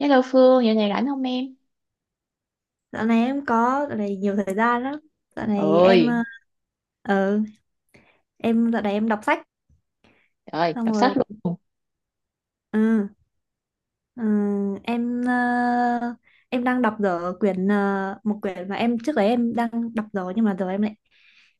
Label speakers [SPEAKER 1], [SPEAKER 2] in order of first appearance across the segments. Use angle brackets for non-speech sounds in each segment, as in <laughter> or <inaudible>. [SPEAKER 1] Hello Phương, giờ này rảnh không em?
[SPEAKER 2] Dạo này em có dạo này nhiều thời gian lắm. Dạo này em
[SPEAKER 1] Ôi,
[SPEAKER 2] ờ ừ, em dạo này em đọc sách
[SPEAKER 1] trời ơi,
[SPEAKER 2] xong
[SPEAKER 1] đọc sách
[SPEAKER 2] rồi.
[SPEAKER 1] luôn.
[SPEAKER 2] Ừ. Ừ, em em đang đọc dở quyển một quyển mà em trước đấy em đang đọc rồi, nhưng mà giờ em lại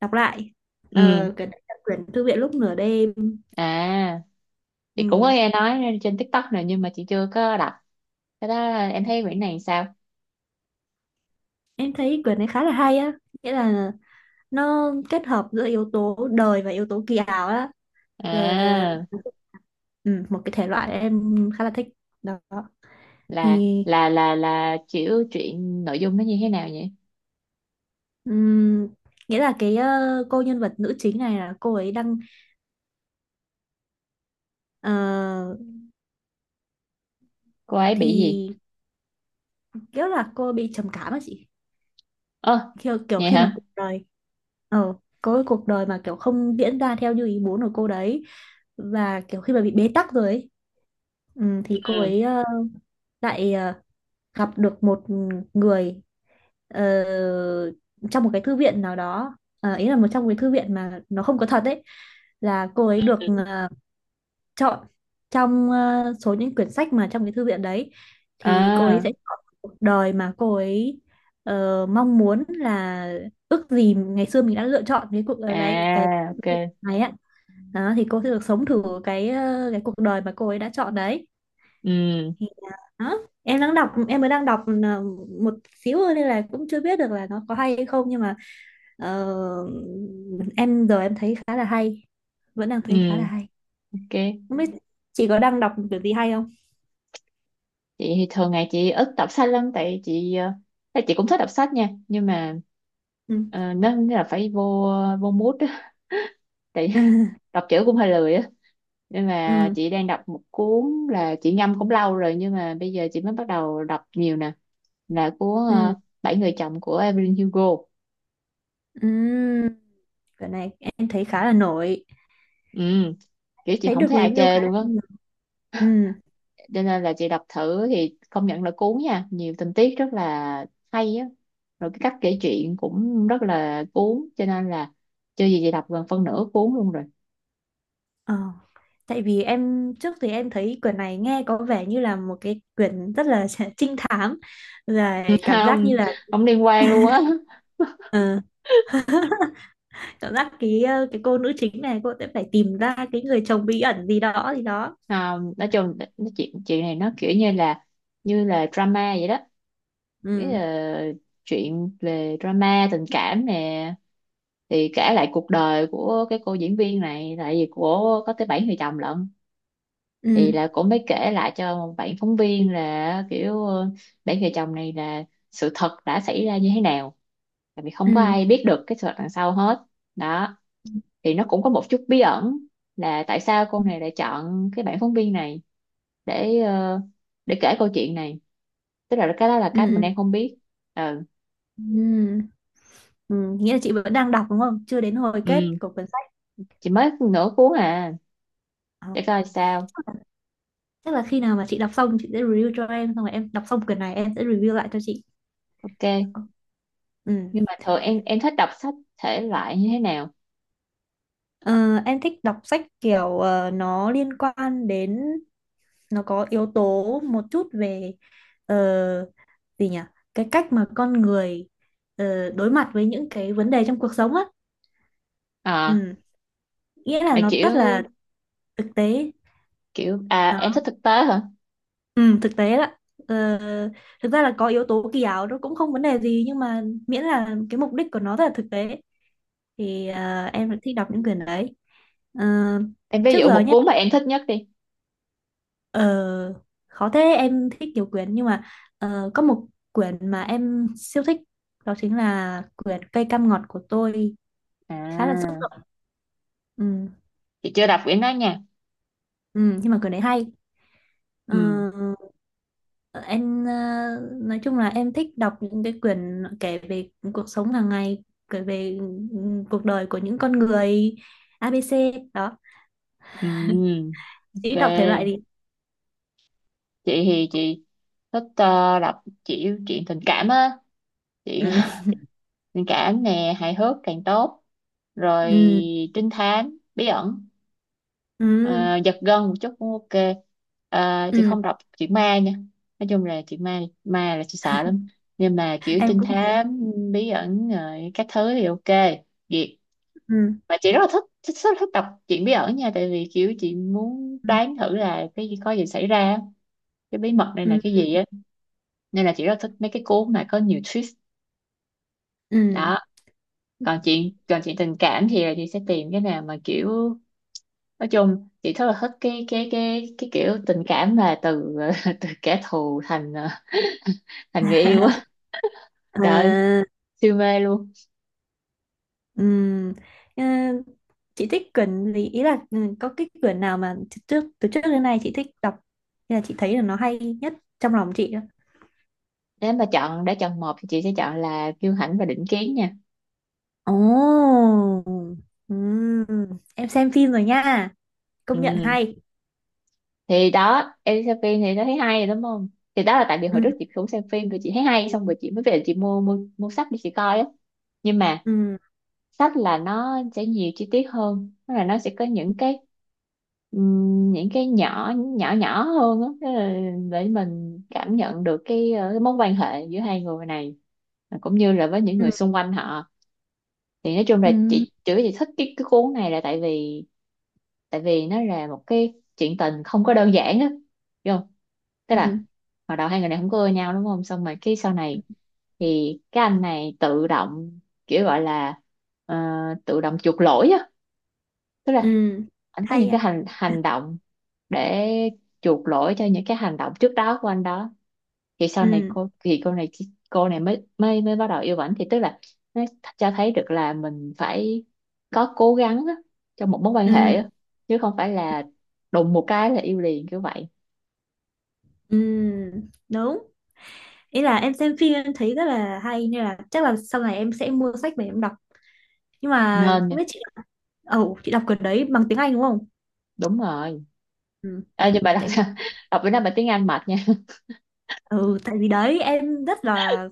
[SPEAKER 2] đọc lại.
[SPEAKER 1] Ừ,
[SPEAKER 2] Ờ, quyển đấy là quyển Thư viện lúc nửa đêm.
[SPEAKER 1] à, chị cũng có
[SPEAKER 2] Ừ.
[SPEAKER 1] nghe nói trên TikTok này nhưng mà chị chưa có đọc. Cái đó em thấy quyển này sao?
[SPEAKER 2] Em thấy quyển này khá là hay á, nghĩa là nó kết hợp giữa yếu tố đời và yếu tố kỳ ảo á. Rồi,
[SPEAKER 1] À,
[SPEAKER 2] ừ, một cái thể loại em khá là thích đó. Thì
[SPEAKER 1] là chịu chuyện nội dung nó như thế nào vậy?
[SPEAKER 2] ừm, nghĩa là cái cô nhân vật nữ chính này là cô ấy đang ờ,
[SPEAKER 1] Cô ấy bị gì?
[SPEAKER 2] thì kiểu là cô bị trầm cảm á chị,
[SPEAKER 1] Ơ,
[SPEAKER 2] kiểu, kiểu
[SPEAKER 1] vậy
[SPEAKER 2] khi mà
[SPEAKER 1] hả?
[SPEAKER 2] cuộc đời ờ có cái cuộc đời mà kiểu không diễn ra theo như ý muốn của cô đấy, và kiểu khi mà bị bế tắc rồi ấy, thì cô
[SPEAKER 1] Ừ.
[SPEAKER 2] ấy lại gặp được một người ờ, trong một cái thư viện nào đó. Ờ, ý là một trong cái thư viện mà nó không có thật ấy, là cô ấy được ờ, chọn trong số những quyển sách mà trong cái thư viện đấy, thì cô ấy
[SPEAKER 1] À,
[SPEAKER 2] sẽ chọn cuộc đời mà cô ấy mong muốn, là ước gì ngày xưa mình đã lựa chọn cái cuộc đời này cái
[SPEAKER 1] à, ok.
[SPEAKER 2] này á. Đó, thì cô sẽ được sống thử cái cái cuộc đời mà cô ấy đã chọn đấy.
[SPEAKER 1] Ừ,
[SPEAKER 2] Thì đó, em đang đọc em mới đang đọc một xíu thôi nên là cũng chưa biết được là nó có hay hay không, nhưng mà ờ, em giờ em thấy khá là hay, vẫn đang thấy khá là
[SPEAKER 1] ừ,
[SPEAKER 2] hay.
[SPEAKER 1] ok.
[SPEAKER 2] Không biết chị có đang đọc kiểu gì hay không.
[SPEAKER 1] Chị thì thường ngày chị ít đọc sách lắm tại tại chị cũng thích đọc sách nha nhưng mà
[SPEAKER 2] Ừ.
[SPEAKER 1] nó là phải vô vô mood á
[SPEAKER 2] <laughs>
[SPEAKER 1] tại
[SPEAKER 2] Ừ,
[SPEAKER 1] <laughs> đọc chữ cũng hơi lười á nên mà
[SPEAKER 2] ừ,
[SPEAKER 1] chị đang đọc một cuốn là chị ngâm cũng lâu rồi nhưng mà bây giờ chị mới bắt đầu đọc nhiều nè, là cuốn
[SPEAKER 2] ừ,
[SPEAKER 1] Bảy người chồng của Evelyn Hugo.
[SPEAKER 2] ừ, cái này em thấy khá là nổi,
[SPEAKER 1] Ừ, kiểu chị
[SPEAKER 2] thấy
[SPEAKER 1] không
[SPEAKER 2] được
[SPEAKER 1] thấy ai
[SPEAKER 2] review
[SPEAKER 1] chê
[SPEAKER 2] khá là
[SPEAKER 1] luôn á,
[SPEAKER 2] nhiều. Ừ.
[SPEAKER 1] cho nên là chị đọc thử thì công nhận là cuốn nha, nhiều tình tiết rất là hay á, rồi cái cách kể chuyện cũng rất là cuốn, cho nên là chưa gì chị đọc gần phân nửa cuốn luôn rồi.
[SPEAKER 2] Ờ. Tại vì em trước thì em thấy quyển này nghe có vẻ như là một cái quyển rất là <laughs> trinh thám, rồi
[SPEAKER 1] <laughs>
[SPEAKER 2] cảm giác như
[SPEAKER 1] Không,
[SPEAKER 2] là
[SPEAKER 1] không liên quan luôn á.
[SPEAKER 2] <laughs> ờ, cảm giác cái cái cô nữ chính này cô sẽ phải tìm ra cái người chồng bí ẩn gì đó gì đó.
[SPEAKER 1] Không, nói chung nó chuyện chuyện này nó kiểu như là drama vậy đó, cái
[SPEAKER 2] Ừ,
[SPEAKER 1] chuyện về drama tình cảm nè, thì kể lại cuộc đời của cái cô diễn viên này tại vì của có tới bảy người chồng lận,
[SPEAKER 2] ừ,
[SPEAKER 1] thì là cũng mới kể lại cho bạn phóng viên là kiểu bảy vợ chồng này là sự thật đã xảy ra như thế nào, tại vì không có
[SPEAKER 2] ừ,
[SPEAKER 1] ai biết được cái sự thật đằng sau hết đó, thì nó cũng có một chút bí ẩn là tại sao
[SPEAKER 2] ừ,
[SPEAKER 1] cô này lại chọn cái bạn phóng viên này để ờ, để kể câu chuyện này, tức là cái đó là cái mình
[SPEAKER 2] ừ,
[SPEAKER 1] đang không biết. Ừ,
[SPEAKER 2] ừ, ừ. Ừ, nghĩa là chị vẫn đang đọc đúng không, chưa đến hồi kết
[SPEAKER 1] ừ,
[SPEAKER 2] của quyển sách.
[SPEAKER 1] chỉ mới nửa cuốn à,
[SPEAKER 2] Ờ,
[SPEAKER 1] để coi sao,
[SPEAKER 2] chắc là, chắc là khi nào mà chị đọc xong chị sẽ review cho em, xong rồi em đọc xong quyển này em sẽ review lại cho chị.
[SPEAKER 1] ok.
[SPEAKER 2] Ờ, ừ.
[SPEAKER 1] Nhưng mà thường em thích đọc sách thể loại như thế nào?
[SPEAKER 2] Ờ, em thích đọc sách kiểu nó liên quan đến, nó có yếu tố một chút về ờ, gì nhỉ, cái cách mà con người đối mặt với những cái vấn đề trong cuộc sống á.
[SPEAKER 1] À,
[SPEAKER 2] Ừ. Nghĩa là
[SPEAKER 1] là
[SPEAKER 2] nó rất là
[SPEAKER 1] kiểu
[SPEAKER 2] thực tế.
[SPEAKER 1] kiểu à em thích thực tế hả?
[SPEAKER 2] Ừ, thực tế đó. Ờ, thực ra là có yếu tố kỳ ảo nó cũng không vấn đề gì, nhưng mà miễn là cái mục đích của nó rất là thực tế thì em vẫn thích đọc những quyển đấy. Ờ,
[SPEAKER 1] Em ví
[SPEAKER 2] trước
[SPEAKER 1] dụ
[SPEAKER 2] giờ
[SPEAKER 1] một
[SPEAKER 2] nhé,
[SPEAKER 1] cuốn mà em thích nhất đi.
[SPEAKER 2] ờ, khó thế, em thích nhiều quyển nhưng mà có một quyển mà em siêu thích, đó chính là quyển Cây cam ngọt của tôi. Khá là xúc
[SPEAKER 1] À,
[SPEAKER 2] động. Ừ.
[SPEAKER 1] chị chưa đọc quyển đó nha.
[SPEAKER 2] Ừ, nhưng mà quyển đấy hay. Ờ,
[SPEAKER 1] Ừ,
[SPEAKER 2] em nói chung là em thích đọc những cái quyển kể về cuộc sống hàng ngày, kể về, ừ, cuộc đời của những con người ABC đó.
[SPEAKER 1] ừ,
[SPEAKER 2] Chỉ đọc thể loại
[SPEAKER 1] ok.
[SPEAKER 2] gì.
[SPEAKER 1] Chị thì chị thích đọc chuyện tình cảm á. Chuyện
[SPEAKER 2] Ừ.
[SPEAKER 1] <laughs> tình cảm nè, hài hước càng tốt. Rồi
[SPEAKER 2] Ừ.
[SPEAKER 1] trinh thám, bí ẩn,
[SPEAKER 2] Ừ.
[SPEAKER 1] ờ, giật gân một chút cũng ok. Ờ, chị
[SPEAKER 2] Ừ.
[SPEAKER 1] không đọc chuyện ma nha. Nói chung là chuyện ma, ma là chị sợ lắm. Nhưng mà kiểu
[SPEAKER 2] Em
[SPEAKER 1] trinh
[SPEAKER 2] cũng thế.
[SPEAKER 1] thám, bí ẩn, rồi các thứ thì ok. Duyệt.
[SPEAKER 2] Ừ.
[SPEAKER 1] Mà chị rất là thích đọc truyện bí ẩn nha, tại vì kiểu chị muốn
[SPEAKER 2] Ừ.
[SPEAKER 1] đoán thử là cái gì có gì xảy ra, cái bí mật này là
[SPEAKER 2] Ừ.
[SPEAKER 1] cái gì á, nên là chị rất là thích mấy cái cuốn mà có nhiều twist
[SPEAKER 2] Ừ.
[SPEAKER 1] đó. Còn chuyện, tình cảm thì là chị sẽ tìm cái nào mà kiểu nói chung chị rất là thích cái kiểu tình cảm mà từ <laughs> từ kẻ thù thành thành người yêu á.
[SPEAKER 2] <laughs>
[SPEAKER 1] Trời ơi,
[SPEAKER 2] À.
[SPEAKER 1] siêu mê luôn.
[SPEAKER 2] Ừm, ờ, chị thích quyển gì, ý là ừ, có cái quyển nào mà từ trước, từ trước đến nay chị thích đọc nên là chị thấy là nó hay nhất trong lòng chị á?
[SPEAKER 1] Nếu mà đã chọn một thì chị sẽ chọn là Kiêu Hãnh và Định Kiến nha.
[SPEAKER 2] Ồ, ừm, em xem phim rồi nha, công nhận
[SPEAKER 1] Ừ,
[SPEAKER 2] hay.
[SPEAKER 1] thì đó em đi xem phim thì nó thấy hay đúng không, thì đó là tại vì hồi
[SPEAKER 2] Ừ,
[SPEAKER 1] trước chị cũng xem phim rồi chị thấy hay, xong rồi chị mới về chị mua mua mua sách để chị coi á. Nhưng mà
[SPEAKER 2] ừ,
[SPEAKER 1] sách là nó sẽ nhiều chi tiết hơn, tức là nó sẽ có những cái, những cái nhỏ nhỏ nhỏ hơn á. Tức là để mình cảm nhận được cái mối quan hệ giữa hai người này, cũng như là với những
[SPEAKER 2] ừ,
[SPEAKER 1] người xung quanh họ. Thì nói chung
[SPEAKER 2] ừ,
[SPEAKER 1] là chị, chữ chị thích cái cuốn này là tại vì, tại vì nó là một cái chuyện tình không có đơn giản á, hiểu không, tức
[SPEAKER 2] ừ,
[SPEAKER 1] là hồi đầu hai người này không có ưa nhau đúng không, xong rồi cái sau này thì cái anh này tự động kiểu gọi là, ờ, tự động chuộc lỗi á, tức là
[SPEAKER 2] ừ,
[SPEAKER 1] anh có
[SPEAKER 2] hay
[SPEAKER 1] những
[SPEAKER 2] à?
[SPEAKER 1] cái hành hành động để chuộc lỗi cho những cái hành động trước đó của anh đó. Thì sau này
[SPEAKER 2] Ừ,
[SPEAKER 1] cô này mới mới mới bắt đầu yêu ảnh, thì tức là nó cho thấy được là mình phải có cố gắng á, trong một mối quan hệ
[SPEAKER 2] ừ,
[SPEAKER 1] á, chứ không phải là đùng một cái là yêu liền kiểu vậy.
[SPEAKER 2] ừ, đúng. Ý là em xem phim em thấy rất là hay nên là chắc là sau này em sẽ mua sách về em đọc. Nhưng mà
[SPEAKER 1] Nên
[SPEAKER 2] không
[SPEAKER 1] nha,
[SPEAKER 2] biết chị, ồ, chị đọc quyển đấy bằng tiếng Anh đúng không?
[SPEAKER 1] đúng rồi.
[SPEAKER 2] Ừ.
[SPEAKER 1] À, nhưng bà đọc
[SPEAKER 2] Tại
[SPEAKER 1] sao <laughs> đọc bữa nay bà tiếng Anh mệt nha.
[SPEAKER 2] ừ, tại vì đấy em rất là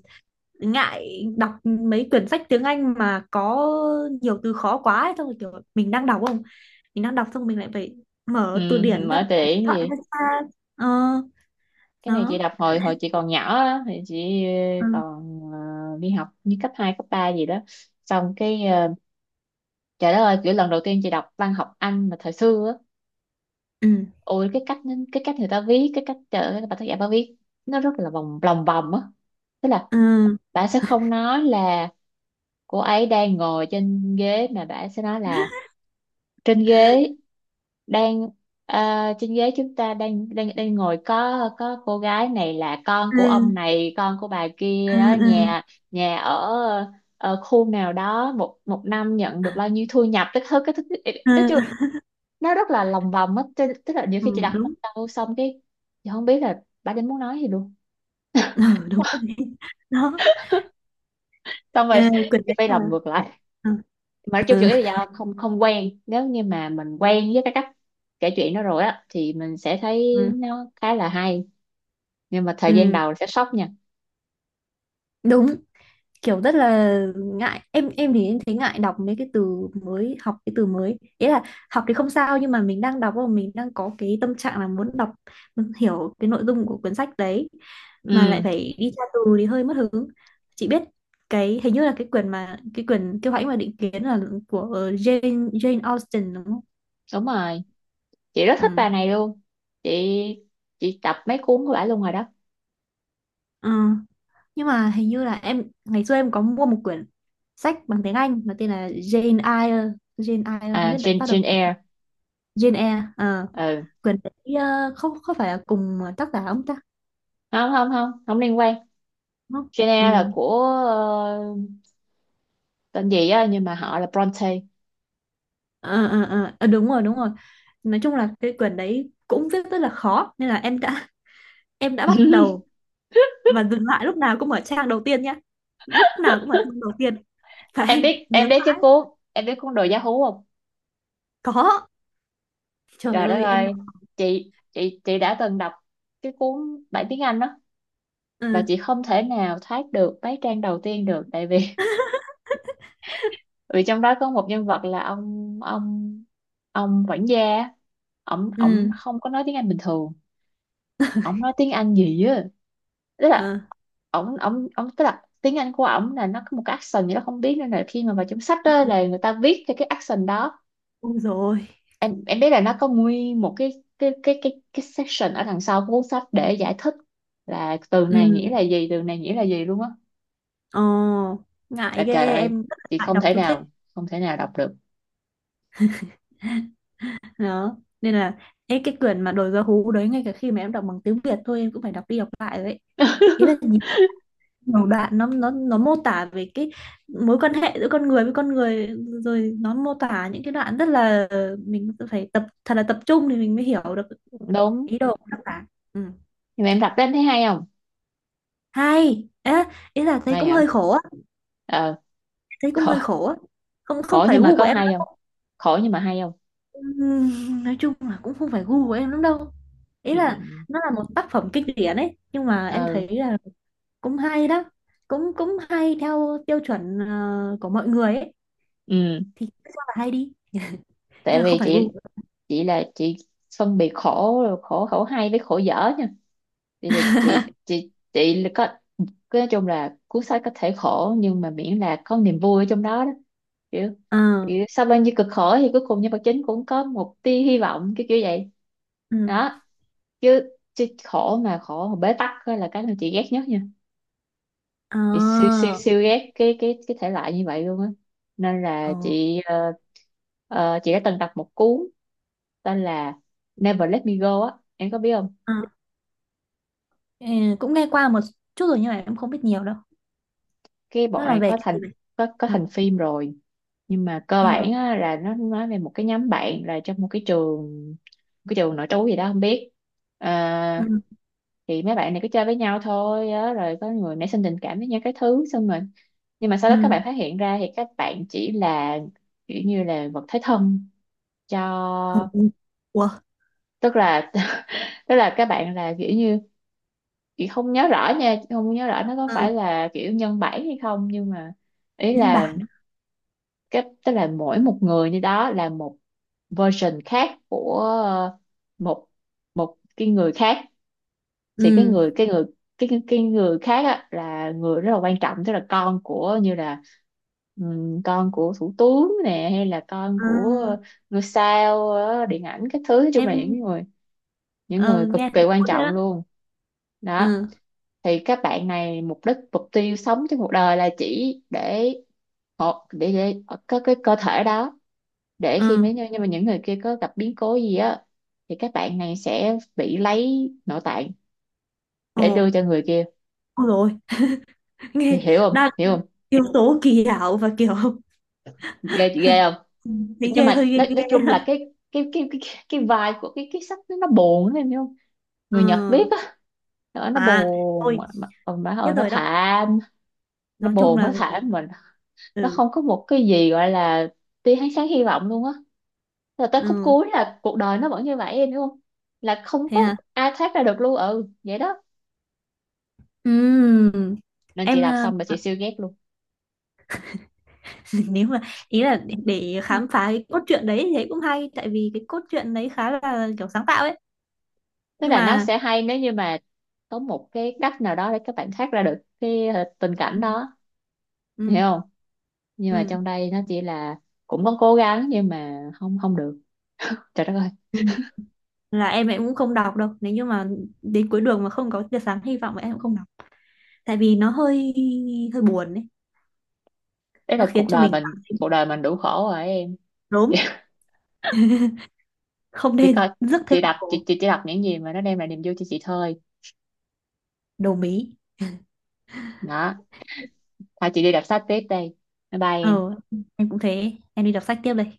[SPEAKER 2] ngại đọc mấy quyển sách tiếng Anh mà có nhiều từ khó quá ấy. Xong rồi kiểu mình đang đọc không, mình đang đọc xong mình lại phải
[SPEAKER 1] <laughs> Ừ,
[SPEAKER 2] mở từ điển ra,
[SPEAKER 1] mở từ
[SPEAKER 2] mở
[SPEAKER 1] điển
[SPEAKER 2] điện thoại ra
[SPEAKER 1] gì.
[SPEAKER 2] xa. ờ
[SPEAKER 1] Cái này chị
[SPEAKER 2] nó.
[SPEAKER 1] đọc hồi hồi chị còn nhỏ á, thì chị
[SPEAKER 2] Ừ,
[SPEAKER 1] còn đi học như cấp 2 cấp 3 gì đó, xong cái trời đất ơi, kiểu lần đầu tiên chị đọc văn học Anh mà thời xưa á,
[SPEAKER 2] ừ,
[SPEAKER 1] ôi cái cách, người ta viết cái cách bà tác giả bà viết, nó rất là lòng vòng á, tức là
[SPEAKER 2] ừ,
[SPEAKER 1] bà sẽ không nói là cô ấy đang ngồi trên ghế mà bà sẽ nói là trên ghế đang trên ghế chúng ta đang đang đang ngồi, có cô gái này là con của ông
[SPEAKER 2] ừ,
[SPEAKER 1] này, con của bà
[SPEAKER 2] ừ,
[SPEAKER 1] kia đó,
[SPEAKER 2] ừ,
[SPEAKER 1] nhà nhà ở khu nào đó, một một năm nhận được bao nhiêu thu nhập, tức thứ cái thứ
[SPEAKER 2] ừ,
[SPEAKER 1] tức nó rất là lòng vòng á, tức tức là nhiều
[SPEAKER 2] ừ,
[SPEAKER 1] khi chị đặt một
[SPEAKER 2] đúng.
[SPEAKER 1] câu xong cái chị không biết là bà đến muốn nói gì luôn.
[SPEAKER 2] Ừ, đúng rồi. <laughs> Đó.
[SPEAKER 1] Xong
[SPEAKER 2] Ờ,
[SPEAKER 1] rồi <laughs>
[SPEAKER 2] quyển
[SPEAKER 1] chị
[SPEAKER 2] đấy
[SPEAKER 1] phải
[SPEAKER 2] là
[SPEAKER 1] làm ngược lại.
[SPEAKER 2] ừ,
[SPEAKER 1] Mà nói chung chủ
[SPEAKER 2] ừ,
[SPEAKER 1] yếu là do không không quen, nếu như mà mình quen với cái cách kể chuyện đó rồi á thì mình sẽ thấy
[SPEAKER 2] ừ,
[SPEAKER 1] nó khá là hay, nhưng mà thời gian
[SPEAKER 2] ừ,
[SPEAKER 1] đầu sẽ sốc nha.
[SPEAKER 2] đúng. Kiểu rất là ngại, em thì em thấy ngại đọc mấy cái từ mới, học cái từ mới ý là học thì không sao, nhưng mà mình đang đọc và mình đang có cái tâm trạng là muốn đọc, muốn hiểu cái nội dung của cuốn sách đấy mà lại
[SPEAKER 1] Ừ,
[SPEAKER 2] phải đi tra từ thì hơi mất hứng. Chị biết cái hình như là cái quyển mà cái quyển Kiêu Hãnh và Định Kiến là của Jane Jane Austen đúng không.
[SPEAKER 1] đúng rồi, chị rất thích
[SPEAKER 2] Ừ.
[SPEAKER 1] bà này luôn. Chị chị đọc mấy cuốn của bà luôn rồi đó.
[SPEAKER 2] Ờ, nhưng mà hình như là em ngày xưa em có mua một quyển sách bằng tiếng Anh mà tên là Jane Eyre không
[SPEAKER 1] À,
[SPEAKER 2] biết đã bắt đầu.
[SPEAKER 1] Jane Eyre.
[SPEAKER 2] Jane Eyre ờ
[SPEAKER 1] Ừ,
[SPEAKER 2] Quỳnh Tỷ không có phải là cùng tác giả ông ta
[SPEAKER 1] không, không, không, không liên quan.
[SPEAKER 2] đúng không.
[SPEAKER 1] Jane Eyre
[SPEAKER 2] Ừ.
[SPEAKER 1] là của tên gì á nhưng mà họ là Bronte.
[SPEAKER 2] Ờ, ờ, ờ. Ờ, đúng rồi, đúng rồi, nói chung là cái quyển đấy cũng viết rất là khó nên là em đã <laughs> em đã bắt đầu
[SPEAKER 1] <laughs>
[SPEAKER 2] và dừng lại lúc nào cũng ở trang đầu tiên nhá, lúc nào cũng ở trang đầu tiên, và em nhớ
[SPEAKER 1] Em biết cái
[SPEAKER 2] là
[SPEAKER 1] cuốn em biết cuốn đồ giá hú không?
[SPEAKER 2] có. Trời
[SPEAKER 1] Trời đất
[SPEAKER 2] ơi em
[SPEAKER 1] ơi,
[SPEAKER 2] đọc.
[SPEAKER 1] chị đã từng đọc cái cuốn bản tiếng Anh đó, và chị
[SPEAKER 2] Ừ.
[SPEAKER 1] không thể nào thoát được mấy trang đầu tiên được, tại vì <laughs> vì trong đó có một nhân vật là ông quản gia, ổng ổng
[SPEAKER 2] Ừ.
[SPEAKER 1] không có nói tiếng Anh bình thường, ổng nói tiếng Anh gì á, tức là
[SPEAKER 2] Ờ
[SPEAKER 1] ổng ổng ổng tức là tiếng Anh của ổng là nó có một cái accent gì đó không biết, nên là khi mà vào trong sách đó là người ta viết theo cái accent đó.
[SPEAKER 2] đúng rồi.
[SPEAKER 1] Em biết là nó có nguyên một cái section ở đằng sau của cuốn sách để giải thích là từ này nghĩa
[SPEAKER 2] Ừ.
[SPEAKER 1] là gì, từ này nghĩa là gì luôn á.
[SPEAKER 2] Ồ,
[SPEAKER 1] Là
[SPEAKER 2] ngại
[SPEAKER 1] trời
[SPEAKER 2] ghê,
[SPEAKER 1] ơi,
[SPEAKER 2] em rất là
[SPEAKER 1] chị
[SPEAKER 2] ngại
[SPEAKER 1] không
[SPEAKER 2] đọc
[SPEAKER 1] thể
[SPEAKER 2] chú thích.
[SPEAKER 1] nào, không thể nào đọc được.
[SPEAKER 2] Đó nên là ấy, cái quyển mà Đồi Gió Hú đấy, ngay cả khi mà em đọc bằng tiếng Việt thôi em cũng phải đọc đi đọc lại đấy. Ý là
[SPEAKER 1] <laughs>
[SPEAKER 2] nhìn nhiều đoạn nó nó mô tả về cái mối quan hệ giữa con người với con người, rồi nó mô tả những cái đoạn rất là, mình phải tập thật là tập trung thì mình mới hiểu được
[SPEAKER 1] Đúng.
[SPEAKER 2] ý đồ của tác giả. Ừ.
[SPEAKER 1] Nhưng mà em đọc đến thấy hay không?
[SPEAKER 2] Hay. Ê, ý là thấy
[SPEAKER 1] Hay
[SPEAKER 2] cũng
[SPEAKER 1] hả?
[SPEAKER 2] hơi khổ á,
[SPEAKER 1] ờ
[SPEAKER 2] thấy cũng
[SPEAKER 1] Khổ,
[SPEAKER 2] hơi khổ á, không không
[SPEAKER 1] khổ
[SPEAKER 2] phải
[SPEAKER 1] nhưng mà
[SPEAKER 2] gu của
[SPEAKER 1] có
[SPEAKER 2] em.
[SPEAKER 1] hay không? Khổ nhưng mà hay không?
[SPEAKER 2] Nói chung là cũng không phải gu của em lắm đâu, ý
[SPEAKER 1] Ừ,
[SPEAKER 2] là nó là một tác phẩm kinh điển ấy nhưng mà em
[SPEAKER 1] ừ,
[SPEAKER 2] thấy là cũng hay đó, cũng cũng hay theo tiêu chuẩn của mọi người ấy,
[SPEAKER 1] ừ.
[SPEAKER 2] thì cứ cho là hay đi,
[SPEAKER 1] Tại
[SPEAKER 2] nhưng mà không
[SPEAKER 1] vì
[SPEAKER 2] phải
[SPEAKER 1] chị
[SPEAKER 2] gu.
[SPEAKER 1] chị là chị phân biệt khổ khổ khổ hay với khổ dở nha. Thì chị là có cái, nói chung là cuốn sách có thể khổ nhưng mà miễn là có niềm vui ở trong đó đó, kiểu,
[SPEAKER 2] Ờ.
[SPEAKER 1] kiểu sau bao nhiêu cực khổ thì cuối cùng nhân vật chính cũng có một tia hy vọng cái kiểu vậy
[SPEAKER 2] Ừ.
[SPEAKER 1] đó. Chứ chứ khổ mà, bế tắc á là cái mà chị ghét nhất nha.
[SPEAKER 2] Ờ,
[SPEAKER 1] Chị siêu siêu siêu ghét cái thể loại như vậy luôn á, nên là
[SPEAKER 2] ờ,
[SPEAKER 1] chị đã từng đọc một cuốn tên là Never Let Me Go á, em có biết không?
[SPEAKER 2] ờ. Ừ, cũng nghe qua một chút rồi nhưng mà em không biết nhiều đâu.
[SPEAKER 1] Cái
[SPEAKER 2] Nó
[SPEAKER 1] bọn
[SPEAKER 2] là
[SPEAKER 1] này
[SPEAKER 2] về
[SPEAKER 1] có
[SPEAKER 2] cái
[SPEAKER 1] thành,
[SPEAKER 2] gì vậy?
[SPEAKER 1] có có
[SPEAKER 2] Ờ.
[SPEAKER 1] thành phim rồi, nhưng mà cơ
[SPEAKER 2] Ờ.
[SPEAKER 1] bản á, là nó nói về một cái nhóm bạn là trong một cái trường, nội trú gì đó không biết. À,
[SPEAKER 2] Ừ.
[SPEAKER 1] thì mấy bạn này cứ chơi với nhau thôi á, rồi có người nảy sinh tình cảm với nhau cái thứ xong rồi, nhưng mà sau
[SPEAKER 2] Ừ.
[SPEAKER 1] đó các bạn phát hiện ra thì các bạn chỉ là kiểu như là vật thế thân cho,
[SPEAKER 2] Ồ, ủa.
[SPEAKER 1] tức là <laughs> tức là các bạn là kiểu như, chị không nhớ rõ nha, không nhớ rõ nó có
[SPEAKER 2] Ừ.
[SPEAKER 1] phải là kiểu nhân bản hay không, nhưng mà ý
[SPEAKER 2] Nhân
[SPEAKER 1] là
[SPEAKER 2] bản á.
[SPEAKER 1] cái, tức là mỗi một người như đó là một version khác của một, cái người khác, thì cái
[SPEAKER 2] Ừ.
[SPEAKER 1] người, cái người khác á, là người rất là quan trọng, tức là con của như là, con của thủ tướng nè, hay là con
[SPEAKER 2] Ờ,
[SPEAKER 1] của ngôi sao điện ảnh các thứ, nói chung là
[SPEAKER 2] em
[SPEAKER 1] những người,
[SPEAKER 2] ờ,
[SPEAKER 1] cực
[SPEAKER 2] nghe
[SPEAKER 1] kỳ
[SPEAKER 2] thấy
[SPEAKER 1] quan
[SPEAKER 2] cuốn
[SPEAKER 1] trọng
[SPEAKER 2] rồi đó.
[SPEAKER 1] luôn. Đó,
[SPEAKER 2] Ừ.
[SPEAKER 1] thì các bạn này mục đích mục tiêu sống trong cuộc đời là chỉ để để có cái cơ thể đó, để khi
[SPEAKER 2] Ừ.
[SPEAKER 1] mấy nhưng mà những người kia có gặp biến cố gì á thì các bạn này sẽ bị lấy nội tạng
[SPEAKER 2] Ồ.
[SPEAKER 1] để đưa cho người kia.
[SPEAKER 2] Ôi rồi,
[SPEAKER 1] Thì
[SPEAKER 2] nghe
[SPEAKER 1] hiểu không,
[SPEAKER 2] đang
[SPEAKER 1] hiểu không?
[SPEAKER 2] yếu tố kỳ ảo và kiểu.
[SPEAKER 1] Ghê chị, ghê không?
[SPEAKER 2] <laughs> Thấy
[SPEAKER 1] Nhưng
[SPEAKER 2] ghê hơi,
[SPEAKER 1] mà
[SPEAKER 2] ghê
[SPEAKER 1] nói
[SPEAKER 2] ghê.
[SPEAKER 1] chung là cái vibe của cái sách nó, buồn em hiểu không?
[SPEAKER 2] Ờ,
[SPEAKER 1] Người Nhật viết á. Nó
[SPEAKER 2] à
[SPEAKER 1] buồn
[SPEAKER 2] tôi
[SPEAKER 1] mà, mà
[SPEAKER 2] biết
[SPEAKER 1] hồi nó
[SPEAKER 2] rồi đó,
[SPEAKER 1] thảm, nó
[SPEAKER 2] nói chung
[SPEAKER 1] buồn nó
[SPEAKER 2] là người.
[SPEAKER 1] thảm mình, nó
[SPEAKER 2] Ừ.
[SPEAKER 1] không có một cái gì gọi là tia ánh sáng hy vọng luôn á, rồi tới khúc
[SPEAKER 2] Ừ,
[SPEAKER 1] cuối là cuộc đời nó vẫn như vậy em hiểu không, là không
[SPEAKER 2] thế
[SPEAKER 1] có
[SPEAKER 2] hả.
[SPEAKER 1] ai thoát ra được luôn, ừ vậy đó,
[SPEAKER 2] Ừm,
[SPEAKER 1] nên chị
[SPEAKER 2] em
[SPEAKER 1] đọc xong mà chị siêu ghét luôn.
[SPEAKER 2] <laughs> nếu mà ý là để
[SPEAKER 1] Ừ.
[SPEAKER 2] khám phá cái cốt truyện đấy thì thấy cũng hay, tại vì cái cốt truyện đấy khá là kiểu sáng tạo ấy,
[SPEAKER 1] Tức
[SPEAKER 2] nhưng
[SPEAKER 1] là nó
[SPEAKER 2] mà
[SPEAKER 1] sẽ hay nếu như mà có một cái cách nào đó để các bạn thoát ra được cái tình cảnh
[SPEAKER 2] ừ,
[SPEAKER 1] đó, hiểu
[SPEAKER 2] ừ,
[SPEAKER 1] không, nhưng mà
[SPEAKER 2] ừ,
[SPEAKER 1] trong đây nó chỉ là cũng có cố gắng nhưng mà không không được. Trời đất ơi,
[SPEAKER 2] ừ, là em cũng không đọc đâu nếu như mà đến cuối đường mà không có tia sáng hy vọng thì em cũng không đọc, tại vì nó hơi hơi buồn ấy.
[SPEAKER 1] đấy
[SPEAKER 2] Nó
[SPEAKER 1] là
[SPEAKER 2] khiến
[SPEAKER 1] cuộc
[SPEAKER 2] cho
[SPEAKER 1] đời
[SPEAKER 2] mình cảm
[SPEAKER 1] mình,
[SPEAKER 2] thấy
[SPEAKER 1] cuộc đời mình đủ khổ rồi em.
[SPEAKER 2] đốm,
[SPEAKER 1] <laughs>
[SPEAKER 2] không
[SPEAKER 1] chị coi
[SPEAKER 2] nên <laughs> rước thêm
[SPEAKER 1] chị
[SPEAKER 2] một
[SPEAKER 1] đọc chị
[SPEAKER 2] cổ
[SPEAKER 1] chị chỉ đọc những gì mà nó đem lại niềm vui cho chị thôi
[SPEAKER 2] đầu mí.
[SPEAKER 1] đó. Thôi chị đi đọc sách tiếp đây, bye bye em,
[SPEAKER 2] Ờ, em cũng thế. Em đi đọc sách tiếp đây.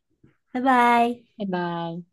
[SPEAKER 2] Bye bye.
[SPEAKER 1] bye bye.